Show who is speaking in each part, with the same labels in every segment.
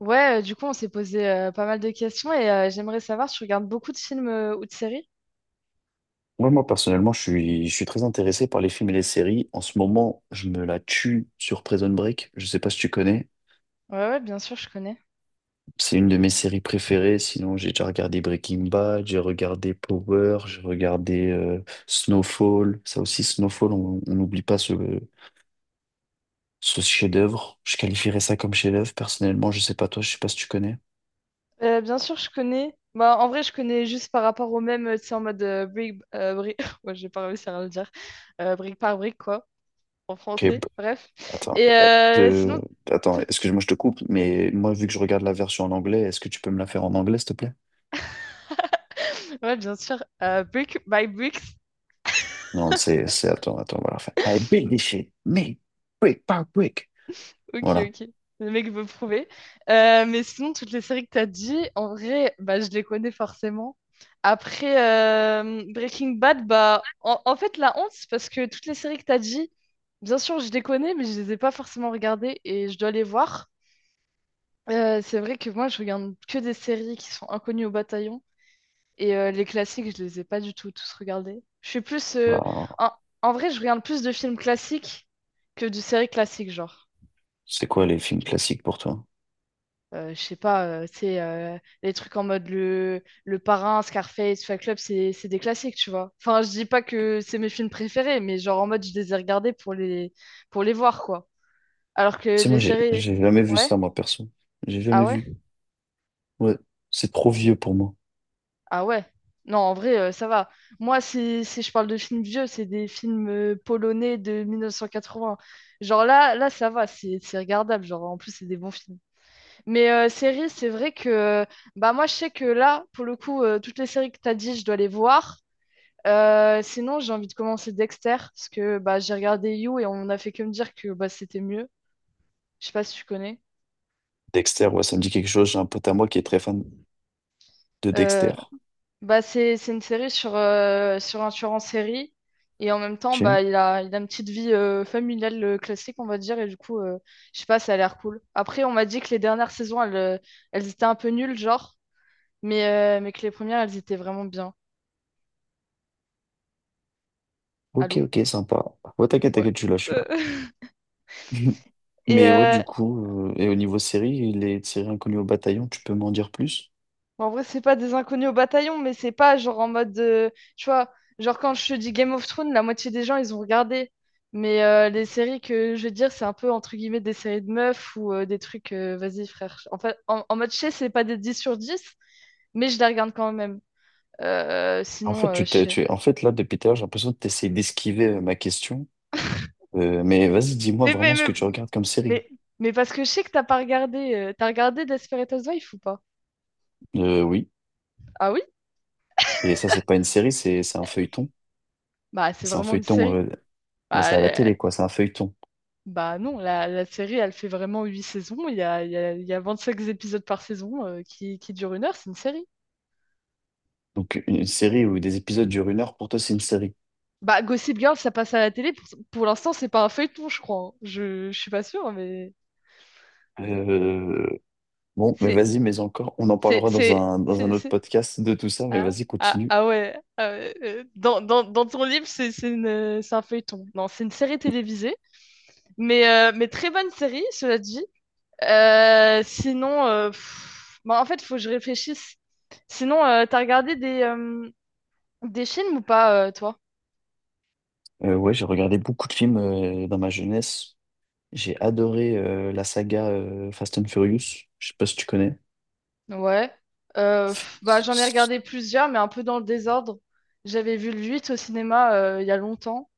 Speaker 1: Ouais, du coup, on s'est posé pas mal de questions et j'aimerais savoir si tu regardes beaucoup de films ou de séries?
Speaker 2: Ouais, moi, personnellement, je suis très intéressé par les films et les séries. En ce moment, je me la tue sur Prison Break. Je sais pas si tu connais.
Speaker 1: Ouais, ouais, bien sûr, je connais.
Speaker 2: C'est une de mes séries préférées. Sinon, j'ai déjà regardé Breaking Bad, j'ai regardé Power, j'ai regardé Snowfall. Ça aussi, Snowfall, on n'oublie pas ce chef-d'œuvre. Je qualifierais ça comme chef-d'œuvre. Personnellement, je sais pas toi, je sais pas si tu connais.
Speaker 1: Bien sûr, je connais. Bah, en vrai, je connais juste par rapport au même, tu sais, en mode brique, ouais, j'ai pas réussi à le dire. Brique par brique, quoi, en
Speaker 2: Ok,
Speaker 1: français, bref.
Speaker 2: attends,
Speaker 1: Et sinon,
Speaker 2: euh, attends,
Speaker 1: tout...
Speaker 2: excuse-moi, je te coupe, mais moi, vu que je regarde la version en anglais, est-ce que tu peux me la faire en anglais, s'il te plaît?
Speaker 1: ouais, bien sûr, brick by bricks.
Speaker 2: Non, c'est, attends, on va la refaire. I build this shit, me, brick par brick.
Speaker 1: Ok,
Speaker 2: Voilà.
Speaker 1: ok. Le mec veut prouver. Mais sinon, toutes les séries que t'as dit, en vrai, bah, je les connais forcément. Après Breaking Bad, bah, en fait, la honte, c'est parce que toutes les séries que t'as dit, bien sûr, je les connais, mais je les ai pas forcément regardées et je dois les voir. C'est vrai que moi, je regarde que des séries qui sont inconnues au bataillon et les classiques, je les ai pas du tout tous regardés. Je suis plus.
Speaker 2: Bah,
Speaker 1: En, en vrai je regarde plus de films classiques que de séries classiques, genre.
Speaker 2: c'est quoi les films classiques pour toi?
Speaker 1: Je sais pas, c'est les trucs en mode le parrain, Scarface, Fight Club, c'est des classiques, tu vois. Enfin, je dis pas que c'est mes films préférés, mais genre en mode je les ai regardés pour les voir, quoi. Alors que
Speaker 2: C'est
Speaker 1: les
Speaker 2: moi,
Speaker 1: séries.
Speaker 2: j'ai jamais vu
Speaker 1: Ouais?
Speaker 2: ça, moi, perso. J'ai
Speaker 1: Ah
Speaker 2: jamais
Speaker 1: ouais?
Speaker 2: vu. Ouais, c'est trop vieux pour moi.
Speaker 1: Ah ouais? Non, en vrai, ça va. Moi, si je parle de films vieux, c'est des films polonais de 1980. Genre là, là, ça va, c'est regardable. Genre, en plus, c'est des bons films. Mais série, c'est vrai que bah moi je sais que là, pour le coup, toutes les séries que tu as dit, je dois les voir. Sinon, j'ai envie de commencer Dexter, parce que bah, j'ai regardé You et on n'a fait que me dire que bah, c'était mieux. Je sais pas si tu connais.
Speaker 2: Dexter, ouais, ça me dit quelque chose. J'ai un pote à moi qui est très fan de
Speaker 1: Euh,
Speaker 2: Dexter.
Speaker 1: Bah, c'est une série sur, sur un tueur en série. Et en même temps,
Speaker 2: Ok,
Speaker 1: bah, il a une petite vie familiale classique, on va dire. Et du coup, je sais pas, ça a l'air cool. Après, on m'a dit que les dernières saisons, elles étaient un peu nulles, genre. Mais, mais que les premières, elles étaient vraiment bien.
Speaker 2: ok,
Speaker 1: Allô?
Speaker 2: ok, sympa. Ouais,
Speaker 1: Ouais.
Speaker 2: t'inquiète, je suis
Speaker 1: Euh,
Speaker 2: là.
Speaker 1: Et
Speaker 2: Mais ouais, du coup, et au niveau série, les séries inconnues au bataillon, tu peux m'en dire plus?
Speaker 1: bon, en vrai, c'est pas des inconnus au bataillon, mais c'est pas genre en mode. Tu vois, genre quand je te dis Game of Thrones, la moitié des gens, ils ont regardé. Mais les séries que je veux dire, c'est un peu entre guillemets des séries de meufs ou des trucs. Vas-y, frère. En fait, en mode chez, c'est pas des 10 sur 10 mais je les regarde quand même.
Speaker 2: En
Speaker 1: Sinon,
Speaker 2: fait,
Speaker 1: je sais.
Speaker 2: tu es- en fait, là, depuis tout à l'heure, j'ai l'impression que tu d'esquiver ma question. Mais vas-y, dis-moi
Speaker 1: Mais, mais,
Speaker 2: vraiment ce
Speaker 1: mais,
Speaker 2: que tu regardes comme série.
Speaker 1: mais, mais parce que je sais que t'as pas regardé. T'as regardé Desperate Housewives ou pas?
Speaker 2: Oui,
Speaker 1: Ah oui?
Speaker 2: et ça, c'est pas une série, c'est un feuilleton.
Speaker 1: Bah, c'est
Speaker 2: C'est un
Speaker 1: vraiment une
Speaker 2: feuilleton,
Speaker 1: série.
Speaker 2: là,
Speaker 1: Bah,
Speaker 2: c'est à la
Speaker 1: euh,
Speaker 2: télé, quoi, c'est un feuilleton.
Speaker 1: Bah non, la série, elle fait vraiment huit saisons. Il y a, il y a, il y a 25 épisodes par saison qui durent une heure, c'est une série.
Speaker 2: Donc, une série où des épisodes durent une heure, pour toi, c'est une série.
Speaker 1: Bah, Gossip Girl, ça passe à la télé. Pour l'instant, c'est pas un feuilleton, je crois, hein. Je suis pas sûre, mais
Speaker 2: Euh, bon, mais
Speaker 1: c'est...
Speaker 2: vas-y, mais encore, on en
Speaker 1: c'est,
Speaker 2: parlera dans
Speaker 1: c'est,
Speaker 2: dans un
Speaker 1: c'est,
Speaker 2: autre
Speaker 1: c'est-
Speaker 2: podcast de tout ça, mais
Speaker 1: Ah,
Speaker 2: vas-y, continue.
Speaker 1: ouais. Ah ouais, dans ton livre, c'est un feuilleton. Non, c'est une série télévisée, mais très bonne série, cela dit. Sinon, pff, bah, en fait, faut que je réfléchisse. Sinon, t'as regardé des films ou pas, toi?
Speaker 2: Ouais, j'ai regardé beaucoup de films dans ma jeunesse. J'ai adoré la saga Fast and Furious. Je sais pas si tu connais.
Speaker 1: Ouais. Pff, bah, j'en ai regardé plusieurs, mais un peu dans le désordre. J'avais vu le 8 au cinéma il y a longtemps.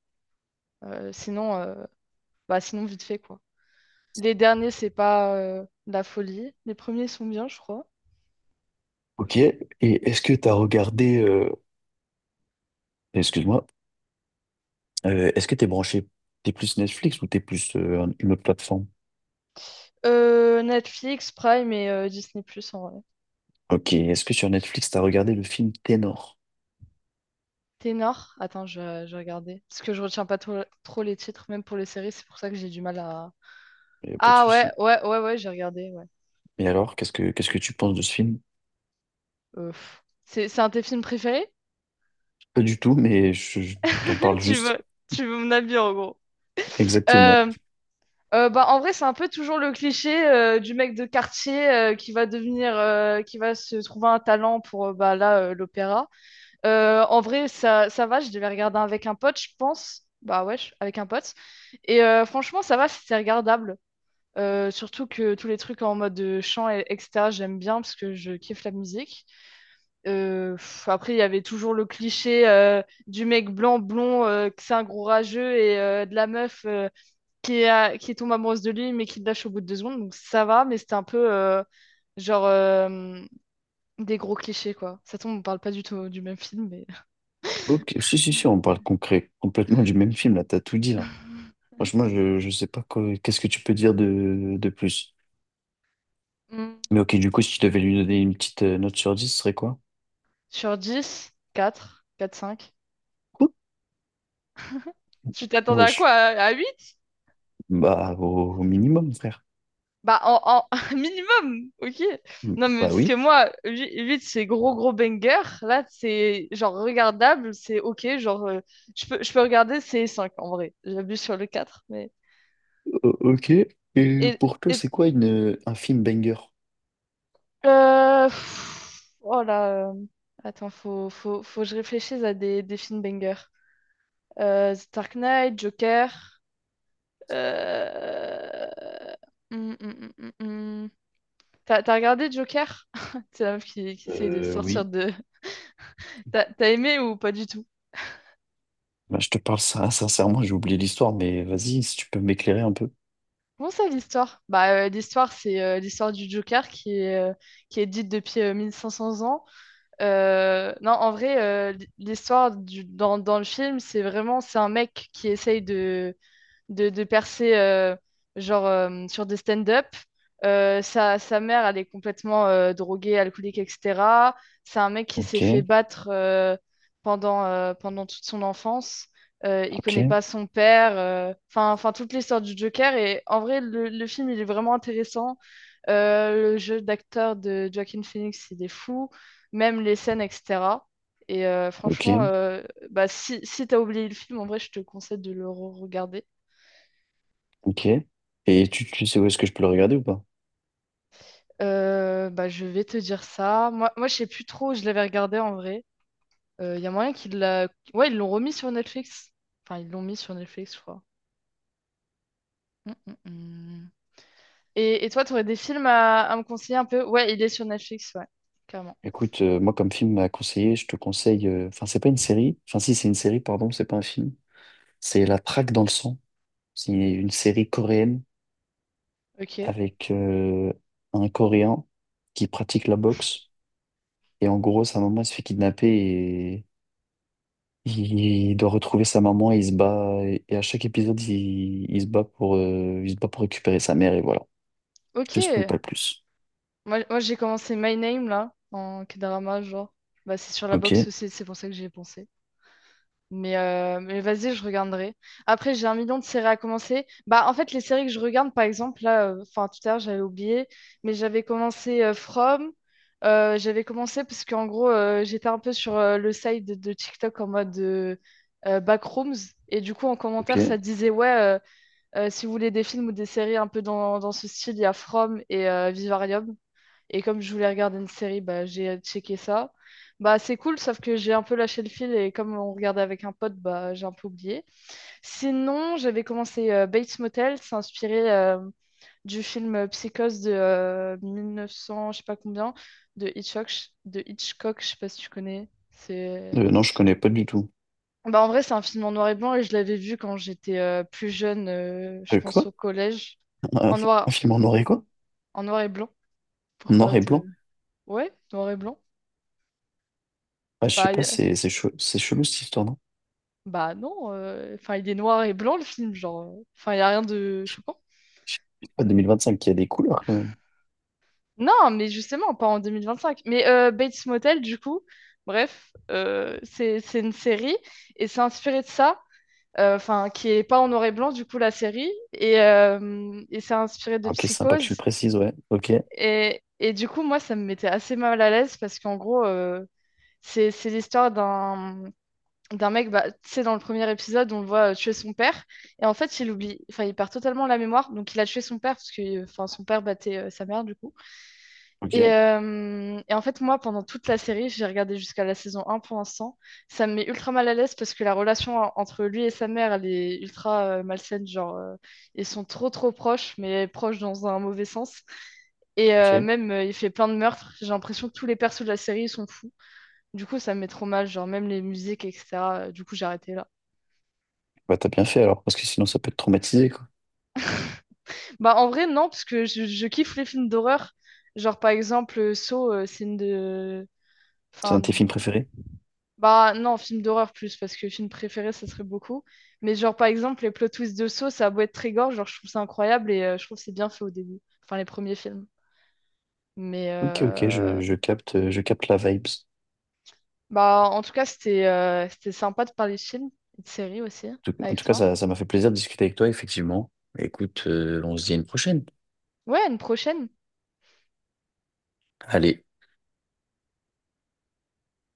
Speaker 1: Sinon, bah, sinon, vite fait, quoi. Les derniers, c'est pas la folie. Les premiers sont bien, je crois.
Speaker 2: Ok, et est-ce que tu as regardé, excuse-moi. Est-ce que t'es branché, t'es plus Netflix ou t'es plus une autre plateforme?
Speaker 1: Netflix, Prime et Disney+, en vrai.
Speaker 2: Ok, est-ce que sur Netflix, t'as regardé le film Ténor?
Speaker 1: Ténor? Attends, je vais regarder. Parce que je retiens pas trop, trop les titres, même pour les séries. C'est pour ça que j'ai du mal à...
Speaker 2: Pas de
Speaker 1: Ah ouais,
Speaker 2: souci.
Speaker 1: ouais, ouais, ouais, j'ai regardé, ouais.
Speaker 2: Et alors, qu'est-ce que tu penses de ce film?
Speaker 1: Pff. C'est un de tes films préférés?
Speaker 2: Pas du tout, mais je t'en parle
Speaker 1: Tu veux,
Speaker 2: juste.
Speaker 1: tu veux mon avis en gros.
Speaker 2: Exactement.
Speaker 1: Euh, Bah, en vrai, c'est un peu toujours le cliché du mec de quartier qui va devenir, qui va se trouver un talent pour bah, là, l'opéra. En vrai, ça va, je devais regarder avec un pote, je pense. Bah ouais, avec un pote. Et franchement, ça va, c'est regardable. Surtout que tous les trucs en mode chant, etc., j'aime bien parce que je kiffe la musique. Heu, Après, il y avait toujours le cliché, du mec blanc, blond, que c'est un gros rageux et de la meuf, qui est a qui tombe amoureuse de lui, mais qui le lâche au bout de 2 secondes, donc ça va, mais c'était un peu, genre, des gros clichés, quoi. Ça tombe, on parle pas du tout du même film, mais
Speaker 2: Ok, si, on parle concret, complètement du même film, là, t'as tout dit, là. Franchement, je sais pas qu'est-ce que tu peux dire de plus.
Speaker 1: Mmh.
Speaker 2: Mais ok, du coup, si tu devais lui donner une petite note sur dix, ce serait quoi?
Speaker 1: Sur dix, quatre, quatre cinq.
Speaker 2: Quoi?
Speaker 1: Tu t'attendais à quoi?
Speaker 2: Wesh.
Speaker 1: À huit.
Speaker 2: Bah, au minimum, frère.
Speaker 1: Bah, un minimum, ok?
Speaker 2: Mm,
Speaker 1: Non, mais
Speaker 2: bah
Speaker 1: parce que
Speaker 2: oui.
Speaker 1: moi, 8 c'est gros, gros banger. Là, c'est genre regardable, c'est ok. Genre, je peux regarder, c'est 5 en vrai. J'abuse sur le 4 mais.
Speaker 2: Ok. Et
Speaker 1: Et,
Speaker 2: pour toi,
Speaker 1: et
Speaker 2: c'est quoi un film banger?
Speaker 1: Pff, oh là. Attends, faut que je réfléchisse à des films banger. The Dark Knight, Joker. Euh... hum, hum, hum, hum, hum. T'as regardé Joker? C'est la meuf qui essaye de
Speaker 2: Euh,
Speaker 1: sortir
Speaker 2: oui,
Speaker 1: de, T'as aimé ou pas du tout?
Speaker 2: Bah, je te parle ça, sincèrement, j'ai oublié l'histoire, mais vas-y, si tu peux m'éclairer un peu.
Speaker 1: Comment ça, l'histoire? Bah, l'histoire, c'est l'histoire du Joker qui est dite depuis 1500 ans. Non, en vrai, dans le film, c'est vraiment, c'est un mec qui essaye de percer genre sur des stand-up. Sa mère, elle est complètement droguée, alcoolique, etc. C'est un mec qui s'est fait
Speaker 2: Ok,
Speaker 1: battre pendant toute son enfance. Il
Speaker 2: ok,
Speaker 1: connaît pas son père. Enfin toute l'histoire du Joker. Et en vrai, le film, il est vraiment intéressant. Le jeu d'acteur de Joaquin Phoenix, il est fou. Même les scènes, etc. Et franchement,
Speaker 2: ok,
Speaker 1: bah, si t'as oublié le film, en vrai, je te conseille de le regarder.
Speaker 2: ok. Et tu sais où est-ce que je peux le regarder ou pas?
Speaker 1: Bah, je vais te dire ça. Je sais plus trop où je l'avais regardé en vrai. Il y a moyen qu'ils l'a... Ouais, ils l'ont remis sur Netflix. Enfin, ils l'ont mis sur Netflix, je crois. Mm, mm, mm. Et toi, tu aurais des films à me conseiller un peu? Ouais, il est sur Netflix, ouais, clairement.
Speaker 2: Écoute, moi, comme film à conseiller, je te conseille. Enfin, c'est pas une série. Enfin, si, c'est une série, pardon, c'est pas un film. C'est La Traque dans le sang. C'est une série coréenne
Speaker 1: Ok.
Speaker 2: avec un Coréen qui pratique la boxe. Et en gros, sa maman elle se fait kidnapper. Il doit retrouver sa maman et il se bat. Et à chaque épisode, il se bat pour, il se bat pour récupérer sa mère et voilà. Je
Speaker 1: Ok.
Speaker 2: te spoil pas plus.
Speaker 1: Moi j'ai commencé My Name, là, en K-drama, genre. Bah, c'est sur la
Speaker 2: Ok,
Speaker 1: box aussi, c'est pour ça que j'y ai pensé. Mais vas-y, je regarderai. Après, j'ai un million de séries à commencer. Bah, en fait, les séries que je regarde, par exemple, là, enfin, tout à l'heure, j'avais oublié, mais j'avais commencé From. J'avais commencé parce qu'en gros, j'étais un peu sur le site de TikTok en mode Backrooms. Et du coup, en commentaire, ça
Speaker 2: ok.
Speaker 1: disait, ouais, si vous voulez des films ou des séries un peu dans ce style, il y a From et Vivarium. Et comme je voulais regarder une série, bah, j'ai checké ça. Bah, c'est cool, sauf que j'ai un peu lâché le fil et comme on regardait avec un pote, bah, j'ai un peu oublié. Sinon, j'avais commencé Bates Motel, c'est inspiré du film Psychose de 1900, je sais pas combien, de Hitchcock, de Hitchcock, je sais pas si tu connais. C'est...
Speaker 2: Non, je connais pas du tout.
Speaker 1: Bah, en vrai, c'est un film en noir et blanc et je l'avais vu quand j'étais plus jeune, je pense
Speaker 2: Quoi?
Speaker 1: au collège,
Speaker 2: Un,
Speaker 1: en
Speaker 2: un
Speaker 1: noir,
Speaker 2: film en noir et quoi?
Speaker 1: en noir et blanc.
Speaker 2: Noir
Speaker 1: Pourquoi
Speaker 2: et
Speaker 1: te...
Speaker 2: blanc?
Speaker 1: Ouais, noir et blanc.
Speaker 2: Ah, je sais pas,
Speaker 1: Bah,
Speaker 2: c'est c'est chelou cette histoire, non?
Speaker 1: Bah non, enfin il est noir et blanc le film, genre, enfin il n'y a rien de choquant.
Speaker 2: Ah, 2025, il y a des couleurs quand même.
Speaker 1: Non, mais justement, pas en 2025. Mais Bates Motel, du coup, bref, c'est une série et c'est inspiré de ça, enfin qui est pas en noir et blanc, du coup, la série, et c'est inspiré de
Speaker 2: Ah, ok, c'est sympa que tu le
Speaker 1: Psychose.
Speaker 2: précises, ouais. Ok,
Speaker 1: Et du coup, moi, ça me mettait assez mal à l'aise parce qu'en gros, c'est l'histoire d'un mec, bah, tu sais, dans le premier épisode, on le voit tuer son père. Et en fait, il oublie, enfin, il perd totalement la mémoire. Donc, il a tué son père parce que, enfin, son père battait sa mère, du coup. Et,
Speaker 2: ok,
Speaker 1: euh, et en fait, moi, pendant toute la série, j'ai regardé jusqu'à la saison un pour l'instant. Ça me met ultra mal à l'aise parce que la relation entre lui et sa mère, elle est ultra malsaine. Genre, ils sont trop, trop proches, mais proches dans un mauvais sens. Et
Speaker 2: ok.
Speaker 1: même, il fait plein de meurtres. J'ai l'impression que tous les persos de la série, ils sont fous. Du coup, ça me met trop mal, genre, même les musiques, etc. Du coup, j'ai arrêté là.
Speaker 2: Bah, t'as bien fait alors, parce que sinon ça peut te traumatiser, quoi.
Speaker 1: Bah, en vrai, non, parce que je kiffe les films d'horreur. Genre, par exemple, Saw, c'est une de.
Speaker 2: C'est un
Speaker 1: Enfin,
Speaker 2: de tes films préférés?
Speaker 1: bah, non, film d'horreur plus, parce que film préféré, ça serait beaucoup. Mais, genre, par exemple, les plot twists de Saw, ça a beau être très gore, genre, je trouve ça incroyable et je trouve que c'est bien fait au début. Enfin, les premiers films. Mais,
Speaker 2: Ok, ok,
Speaker 1: euh,
Speaker 2: je capte la vibes.
Speaker 1: Bah, en tout cas, c'était sympa de parler de films et de séries aussi,
Speaker 2: En
Speaker 1: avec
Speaker 2: tout cas,
Speaker 1: toi.
Speaker 2: ça m'a fait plaisir de discuter avec toi, effectivement. Écoute, on se dit à une prochaine.
Speaker 1: Ouais, à une prochaine.
Speaker 2: Allez.